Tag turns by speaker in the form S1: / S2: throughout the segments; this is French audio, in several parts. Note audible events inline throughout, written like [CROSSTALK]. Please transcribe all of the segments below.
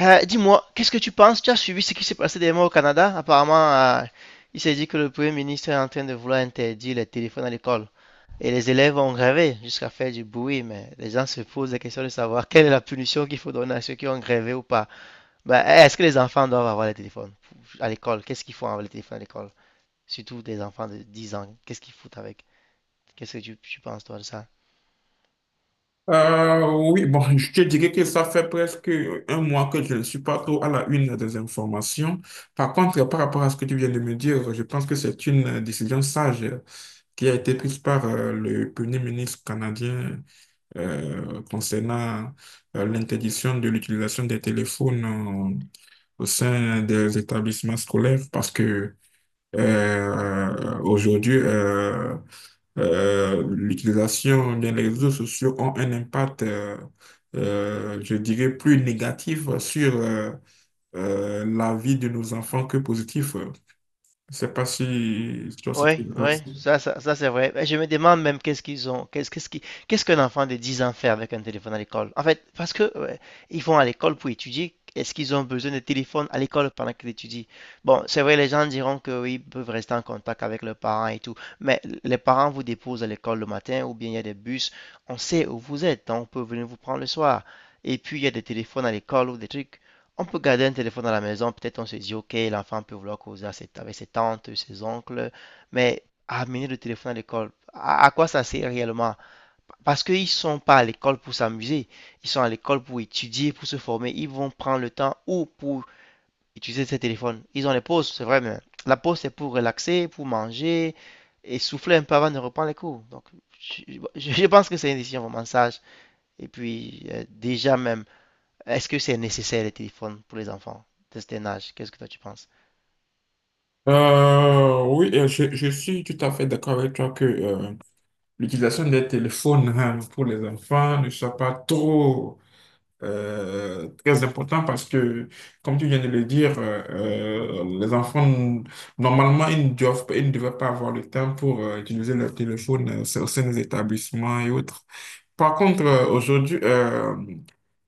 S1: Dis-moi, qu'est-ce que tu penses? Tu as suivi ce qui s'est passé dernièrement au Canada? Apparemment, euh, il s'est dit que le Premier ministre est en train de vouloir interdire les téléphones à l'école. Et les élèves ont grévé jusqu'à faire du bruit, mais les gens se posent la question de savoir quelle est la punition qu'il faut donner à ceux qui ont grévé ou pas. Bah, est-ce que les enfants doivent avoir les téléphones à l'école? Qu'est-ce qu'ils font avec les téléphones à l'école? Surtout des enfants de 10 ans. Qu'est-ce qu'ils foutent avec? Qu'est-ce que tu penses, toi, de ça?
S2: Oui, bon, [LAUGHS] je te dirais que ça fait presque un mois que je ne suis pas trop à la une des informations. Par contre, par rapport à ce que tu viens de me dire, je pense que c'est une décision sage qui a été prise par le Premier ministre canadien concernant l'interdiction de l'utilisation des téléphones au sein des établissements scolaires parce que aujourd'hui, l'utilisation des réseaux sociaux ont un impact, je dirais, plus négatif sur la vie de nos enfants que positif. Je sais pas si toi, si tu
S1: Oui,
S2: es d'accord
S1: oui,
S2: avec ça.
S1: ça, c'est vrai. Et je me demande même qu'est-ce qu'ils ont, qu'est-ce qu'est-ce qui- qu'est-ce qu'un enfant de 10 ans fait avec un téléphone à l'école? En fait, parce que ouais, ils vont à l'école pour étudier, est-ce qu'ils ont besoin de téléphone à l'école pendant qu'ils étudient? Bon, c'est vrai, les gens diront que oui, ils peuvent rester en contact avec leurs parents et tout, mais les parents vous déposent à l'école le matin ou bien il y a des bus, on sait où vous êtes, donc on peut venir vous prendre le soir. Et puis il y a des téléphones à l'école ou des trucs. On peut garder un téléphone à la maison, peut-être on se dit, ok, l'enfant peut vouloir causer avec ses tantes, ses oncles. Mais amener le téléphone à l'école, à quoi ça sert réellement? Parce qu'ils ne sont pas à l'école pour s'amuser, ils sont à l'école pour étudier, pour se former. Ils vont prendre le temps ou pour utiliser ces téléphones. Ils ont les pauses, c'est vrai, mais la pause, c'est pour relaxer, pour manger et souffler un peu avant de reprendre les cours. Donc, je, je pense que c'est une décision vraiment sage. Et puis, déjà même, est-ce que c'est nécessaire les téléphones pour les enfants de cet âge? Qu'est-ce que toi tu penses?
S2: Oui, je suis tout à fait d'accord avec toi que l'utilisation des téléphones hein, pour les enfants ne soit pas trop très important parce que, comme tu viens de le dire, les enfants, normalement, ils ne devraient pas avoir le temps pour utiliser leur téléphone au sein des établissements et autres. Par contre, aujourd'hui, euh,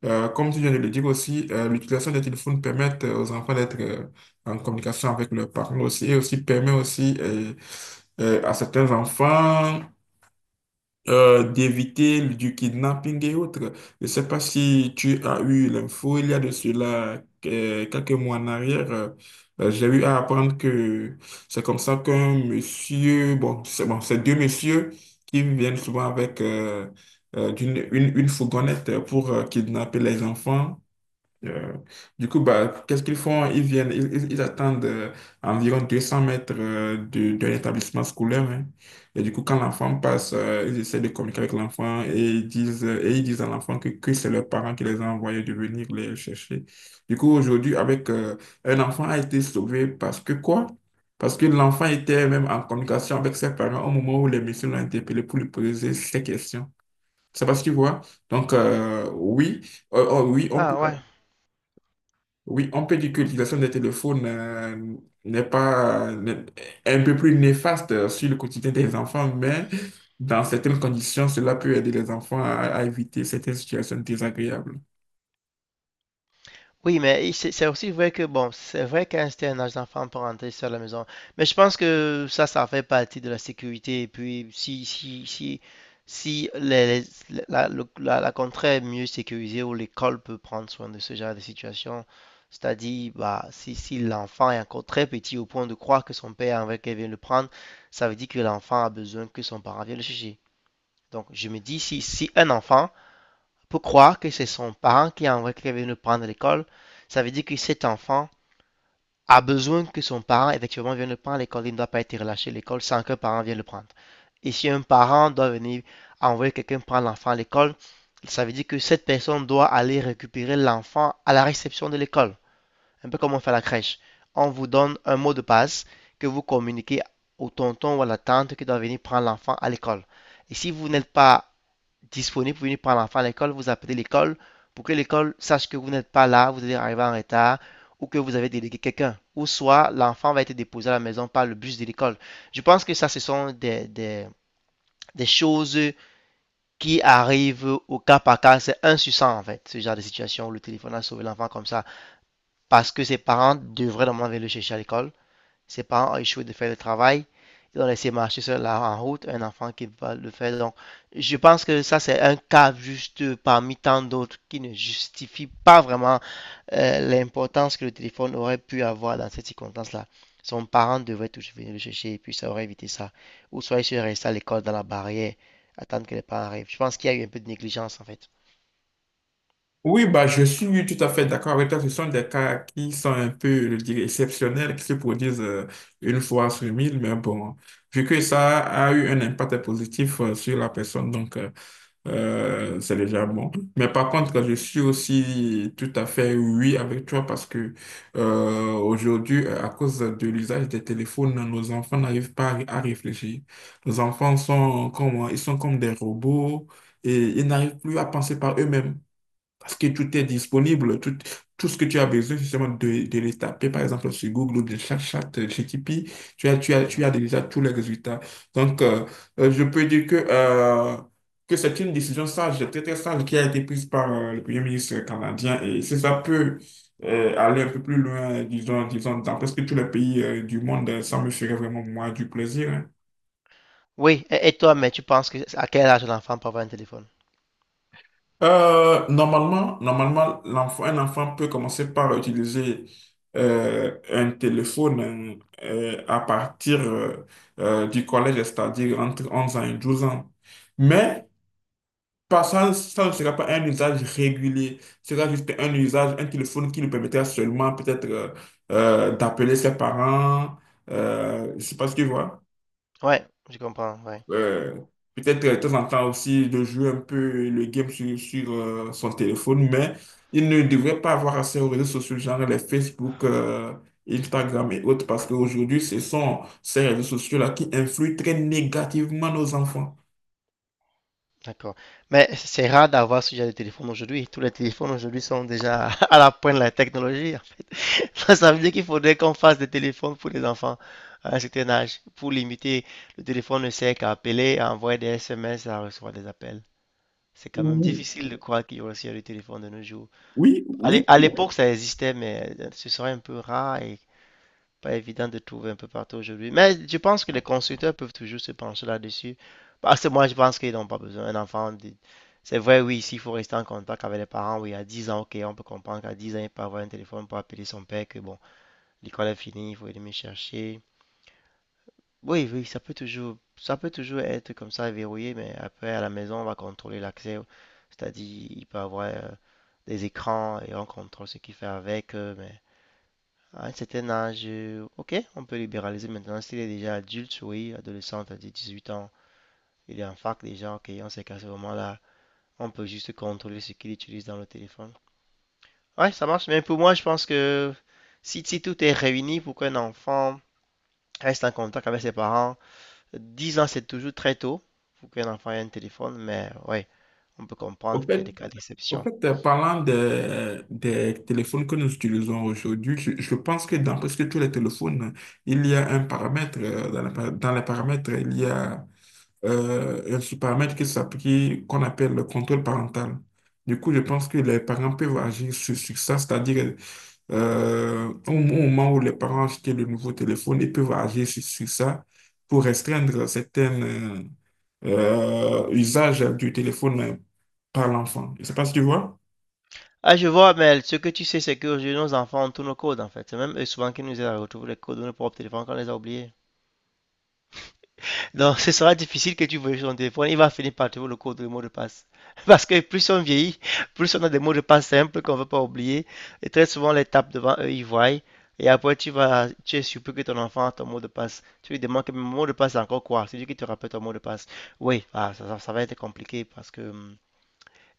S2: euh, comme tu viens de le dire aussi, l'utilisation des téléphones permet aux enfants d'être en communication avec leurs parents aussi et aussi permet aussi à certains enfants d'éviter du kidnapping et autres. Je ne sais pas si tu as eu l'info, il y a de cela quelques mois en arrière, j'ai eu à apprendre que c'est comme ça qu'un monsieur, bon, c'est deux messieurs qui viennent souvent avec une fourgonnette pour kidnapper les enfants euh, du coup, bah, qu'est-ce qu'ils font? Ils viennent, ils attendent environ 200 mètres de l'établissement scolaire, hein. Et du coup, quand l'enfant passe, ils essaient de communiquer avec l'enfant et ils disent à l'enfant que c'est leurs parents qui les ont envoyés de venir les chercher. Du coup, aujourd'hui, avec un enfant a été sauvé parce que quoi? Parce que l'enfant était même en communication avec ses parents au moment où les messieurs l'ont interpellé pour lui poser ces questions. C'est parce que tu Donc, oui. Euh, oh, oui, on peut
S1: Ah ouais.
S2: oui, on peut dire que l'utilisation des téléphones n'est pas n'est- est un peu plus néfaste sur le quotidien des enfants, mais dans certaines conditions, cela peut aider les enfants à éviter certaines situations désagréables.
S1: Oui, mais c'est aussi vrai que, bon, c'est vrai qu'à c'était un âge d'enfant pour rentrer seul à la maison. Mais je pense que ça fait partie de la sécurité. Et puis, si la contrée est mieux sécurisée ou l'école peut prendre soin de ce genre de situation, c'est-à-dire, bah, si l'enfant est encore très petit au point de croire que son père avec vient le prendre, ça veut dire que l'enfant a besoin que son parent vienne le chercher. Donc, je me dis, si un enfant peut croire que c'est son parent qui a envoyé quelqu'un venir le prendre à l'école, ça veut dire que cet enfant a besoin que son parent, effectivement, vienne le prendre à l'école. Il ne doit pas être relâché à l'école sans qu'un parent vienne le prendre. Et si un parent doit venir envoyer quelqu'un prendre l'enfant à l'école, ça veut dire que cette personne doit aller récupérer l'enfant à la réception de l'école. Un peu comme on fait à la crèche. On vous donne un mot de passe que vous communiquez au tonton ou à la tante qui doit venir prendre l'enfant à l'école. Et si vous n'êtes pas disponible pour venir prendre l'enfant à l'école, vous appelez l'école pour que l'école sache que vous n'êtes pas là, vous êtes arrivé en retard ou que vous avez délégué quelqu'un. Ou soit l'enfant va être déposé à la maison par le bus de l'école. Je pense que ça, ce sont des choses qui arrivent au cas par cas. C'est un sur 100 en fait, ce genre de situation où le téléphone a sauvé l'enfant comme ça. Parce que ses parents devraient normalement venir le chercher à l'école. Ses parents ont échoué de faire le travail. Ils ont laissé marcher seul en route un enfant qui va le faire. Donc, je pense que ça, c'est un cas juste parmi tant d'autres qui ne justifie pas vraiment l'importance que le téléphone aurait pu avoir dans cette circonstance-là. Son parent devrait toujours venir le chercher et puis ça aurait évité ça. Ou soit il serait resté à l'école dans la barrière, attendre que les parents arrivent. Je pense qu'il y a eu un peu de négligence en fait.
S2: Oui, bah, je suis tout à fait d'accord avec toi. Ce sont des cas qui sont un peu, je dirais, exceptionnels, qui se produisent une fois sur 1000, mais bon, vu que ça a eu un impact positif sur la personne, donc c'est déjà bon. Mais par contre, je suis aussi tout à fait oui avec toi parce que aujourd'hui, à cause de l'usage des téléphones, nos enfants n'arrivent pas à réfléchir. Nos enfants sont comme, ils sont comme des robots et ils n'arrivent plus à penser par eux-mêmes. Parce que tout est disponible, tout, tout ce que tu as besoin, justement, de le taper, par exemple, sur Google ou de ChatGPT, tu as
S1: Mhm.
S2: déjà tous les résultats. Donc, je peux dire que c'est une décision sage, très, très sage, qui a été prise par le Premier ministre canadien. Et si ça peut aller un peu plus loin, disons, dans presque tous les pays du monde, ça me ferait vraiment, moi, du plaisir, hein.
S1: Oui, et toi, mais tu penses que à quel âge l'enfant peut avoir un téléphone?
S2: Normalement, un enfant peut commencer par utiliser un téléphone à partir du collège, c'est-à-dire entre 11 ans et 12 ans. Mais pas, ça ne sera pas un usage régulier, ce sera juste un usage, un téléphone qui lui permettra seulement peut-être d'appeler ses parents, je ne sais pas ce qu'il voit
S1: Ouais, je comprends, ouais.
S2: euh, peut-être de temps en temps aussi de jouer un peu le game sur son téléphone, mais il ne devrait pas avoir accès aux réseaux sociaux, genre les Facebook, Instagram et autres, parce qu'aujourd'hui, ce sont ces réseaux sociaux-là qui influent très négativement nos enfants.
S1: D'accord. Mais c'est rare d'avoir ce genre de téléphone aujourd'hui. Tous les téléphones aujourd'hui sont déjà [LAUGHS] à la pointe de la technologie, en fait. [LAUGHS] Ça veut dire qu'il faudrait qu'on fasse des téléphones pour les enfants à un certain âge, pour limiter. Le téléphone ne sert qu'à appeler, à envoyer des SMS, à recevoir des appels. C'est quand même
S2: Ouh.
S1: difficile de croire qu'il y aurait aussi des téléphones de nos jours.
S2: Oui, oui.
S1: À l'époque, ça existait, mais ce serait un peu rare et pas évident de trouver un peu partout aujourd'hui. Mais je pense que les constructeurs peuvent toujours se pencher là-dessus. Parce que moi, je pense qu'ils n'ont pas besoin. C'est vrai, oui, s'il faut rester en contact avec les parents, oui, à 10 ans, ok, on peut comprendre qu'à 10 ans, il peut avoir un téléphone pour appeler son père, que bon, l'école est finie, il faut aller me chercher. Oui, oui, ça peut toujours être comme ça verrouillé, mais après, à la maison, on va contrôler l'accès. C'est-à-dire, il peut avoir des écrans et on contrôle ce qu'il fait avec, mais ah, à un certain âge, ok, on peut libéraliser maintenant. S'il est déjà adulte, oui, adolescent, à 18 ans, il est en fac déjà, ok, on sait qu'à ce moment-là, on peut juste contrôler ce qu'il utilise dans le téléphone. Ouais, ça marche, mais pour moi, je pense que si tout est réuni pour qu'un enfant reste en contact avec ses parents, 10 ans, c'est toujours très tôt pour qu'un enfant ait un téléphone, mais ouais, on peut
S2: Au
S1: comprendre qu'il y a
S2: fait,
S1: des cas
S2: au
S1: d'exception.
S2: fait, parlant des téléphones que nous utilisons aujourd'hui, je pense que dans presque tous les téléphones, il y a un paramètre. Dans la dans les paramètres, il y a ce paramètre qui s'applique, qu'on appelle le contrôle parental. Du coup, je pense que les parents peuvent agir sur ça, c'est-à-dire au moment où les parents achètent le nouveau téléphone, ils peuvent agir sur ça pour restreindre certains usages du téléphone par l'enfant. Je ne sais pas si tu vois.
S1: Ah, je vois, mais ce que tu sais, c'est qu'aujourd'hui, nos enfants, ont tous nos codes, en fait. C'est même eux souvent qui nous aident à retrouver les codes de nos propres téléphones quand on les a oubliés. Donc, ce sera difficile que tu veuilles son téléphone. Il va finir par trouver le code, le mot de passe. [LAUGHS] Parce que plus on vieillit, plus on a des mots de passe simples qu'on ne veut pas oublier. Et très souvent, les tape devant eux, ils voient. Et après, tu es surpris que ton enfant a ton mot de passe. Tu lui demandes que mon mot de passe, c'est encore quoi? C'est lui qui te rappelle ton mot de passe. Oui, ah, ça va être compliqué parce que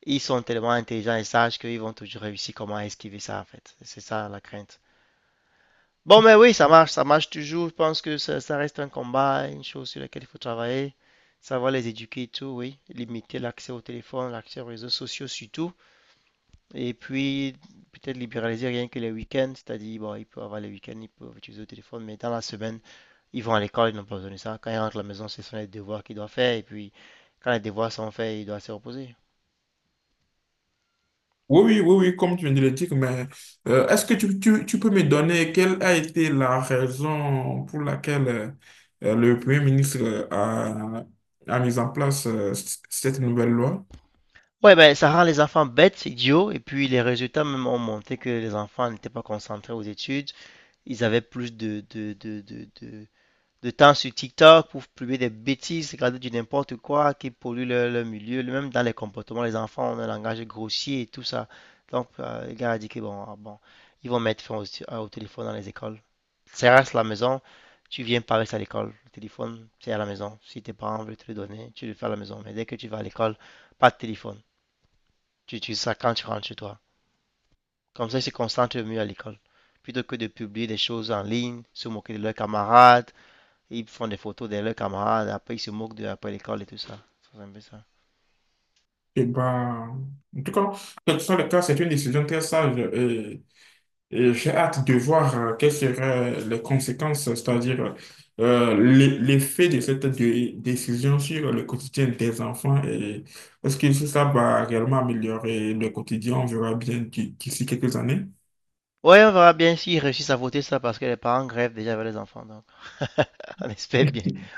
S1: ils sont tellement intelligents et sages qu'ils vont toujours réussir comment esquiver ça, en fait. C'est ça la crainte. Bon, mais oui, ça marche toujours. Je pense que ça reste un combat, une chose sur laquelle il faut travailler. Savoir les éduquer et tout, oui. Limiter l'accès au téléphone, l'accès aux réseaux sociaux surtout. Et puis, peut-être libéraliser rien que les week-ends. C'est-à-dire, bon, ils peuvent avoir les week-ends, ils peuvent utiliser le téléphone, mais dans la semaine, ils vont à l'école, ils n'ont pas besoin de ça. Quand ils rentrent à la maison, ce sont les devoirs qu'ils doivent faire. Et puis, quand les devoirs sont faits, ils doivent se reposer.
S2: Oui, oui, oui, oui, comme tu viens de le dire, mais est-ce que tu peux me donner quelle a été la raison pour laquelle le Premier ministre a mis en place cette nouvelle loi?
S1: Ouais, ben, ça rend les enfants bêtes, idiots, et puis les résultats même ont montré que les enfants n'étaient pas concentrés aux études. Ils avaient plus de temps sur TikTok pour publier des bêtises, regarder du n'importe quoi qui pollue leur milieu. Même dans les comportements, les enfants ont un langage grossier et tout ça. Donc, le gars a dit que bon, ah bon, ils vont mettre fin au téléphone dans les écoles. Ça reste à la maison, tu viens par rester à l'école. Le téléphone, c'est à la maison. Si tes parents veulent te le donner, tu le fais à la maison. Mais dès que tu vas à l'école, pas de téléphone. Tu utilises ça quand tu rentres chez toi. Comme ça, ils se concentrent mieux à l'école. Plutôt que de publier des choses en ligne, se moquer de leurs camarades, ils font des photos de leurs camarades, après ils se moquent de après l'école et tout ça. C'est un peu ça.
S2: Eh ben, en tout cas, quel que soit le cas, c'est une décision très sage. Et j'ai hâte de voir quelles seraient les conséquences, c'est-à-dire l'effet de cette décision sur le quotidien des enfants et est-ce que si ça va réellement améliorer le quotidien, on verra bien d'ici quelques années.
S1: Ouais, on verra bien s'ils réussissent à voter ça parce que les parents grèvent déjà avec les enfants. Donc, [LAUGHS] on espère bien.
S2: [LAUGHS]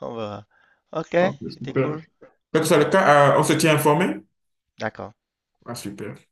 S1: On verra. Ok,
S2: Ok,
S1: c'était
S2: super.
S1: cool.
S2: Quel que soit le
S1: Ouais,
S2: cas, on se tient informé?
S1: d'accord.
S2: Ah, super.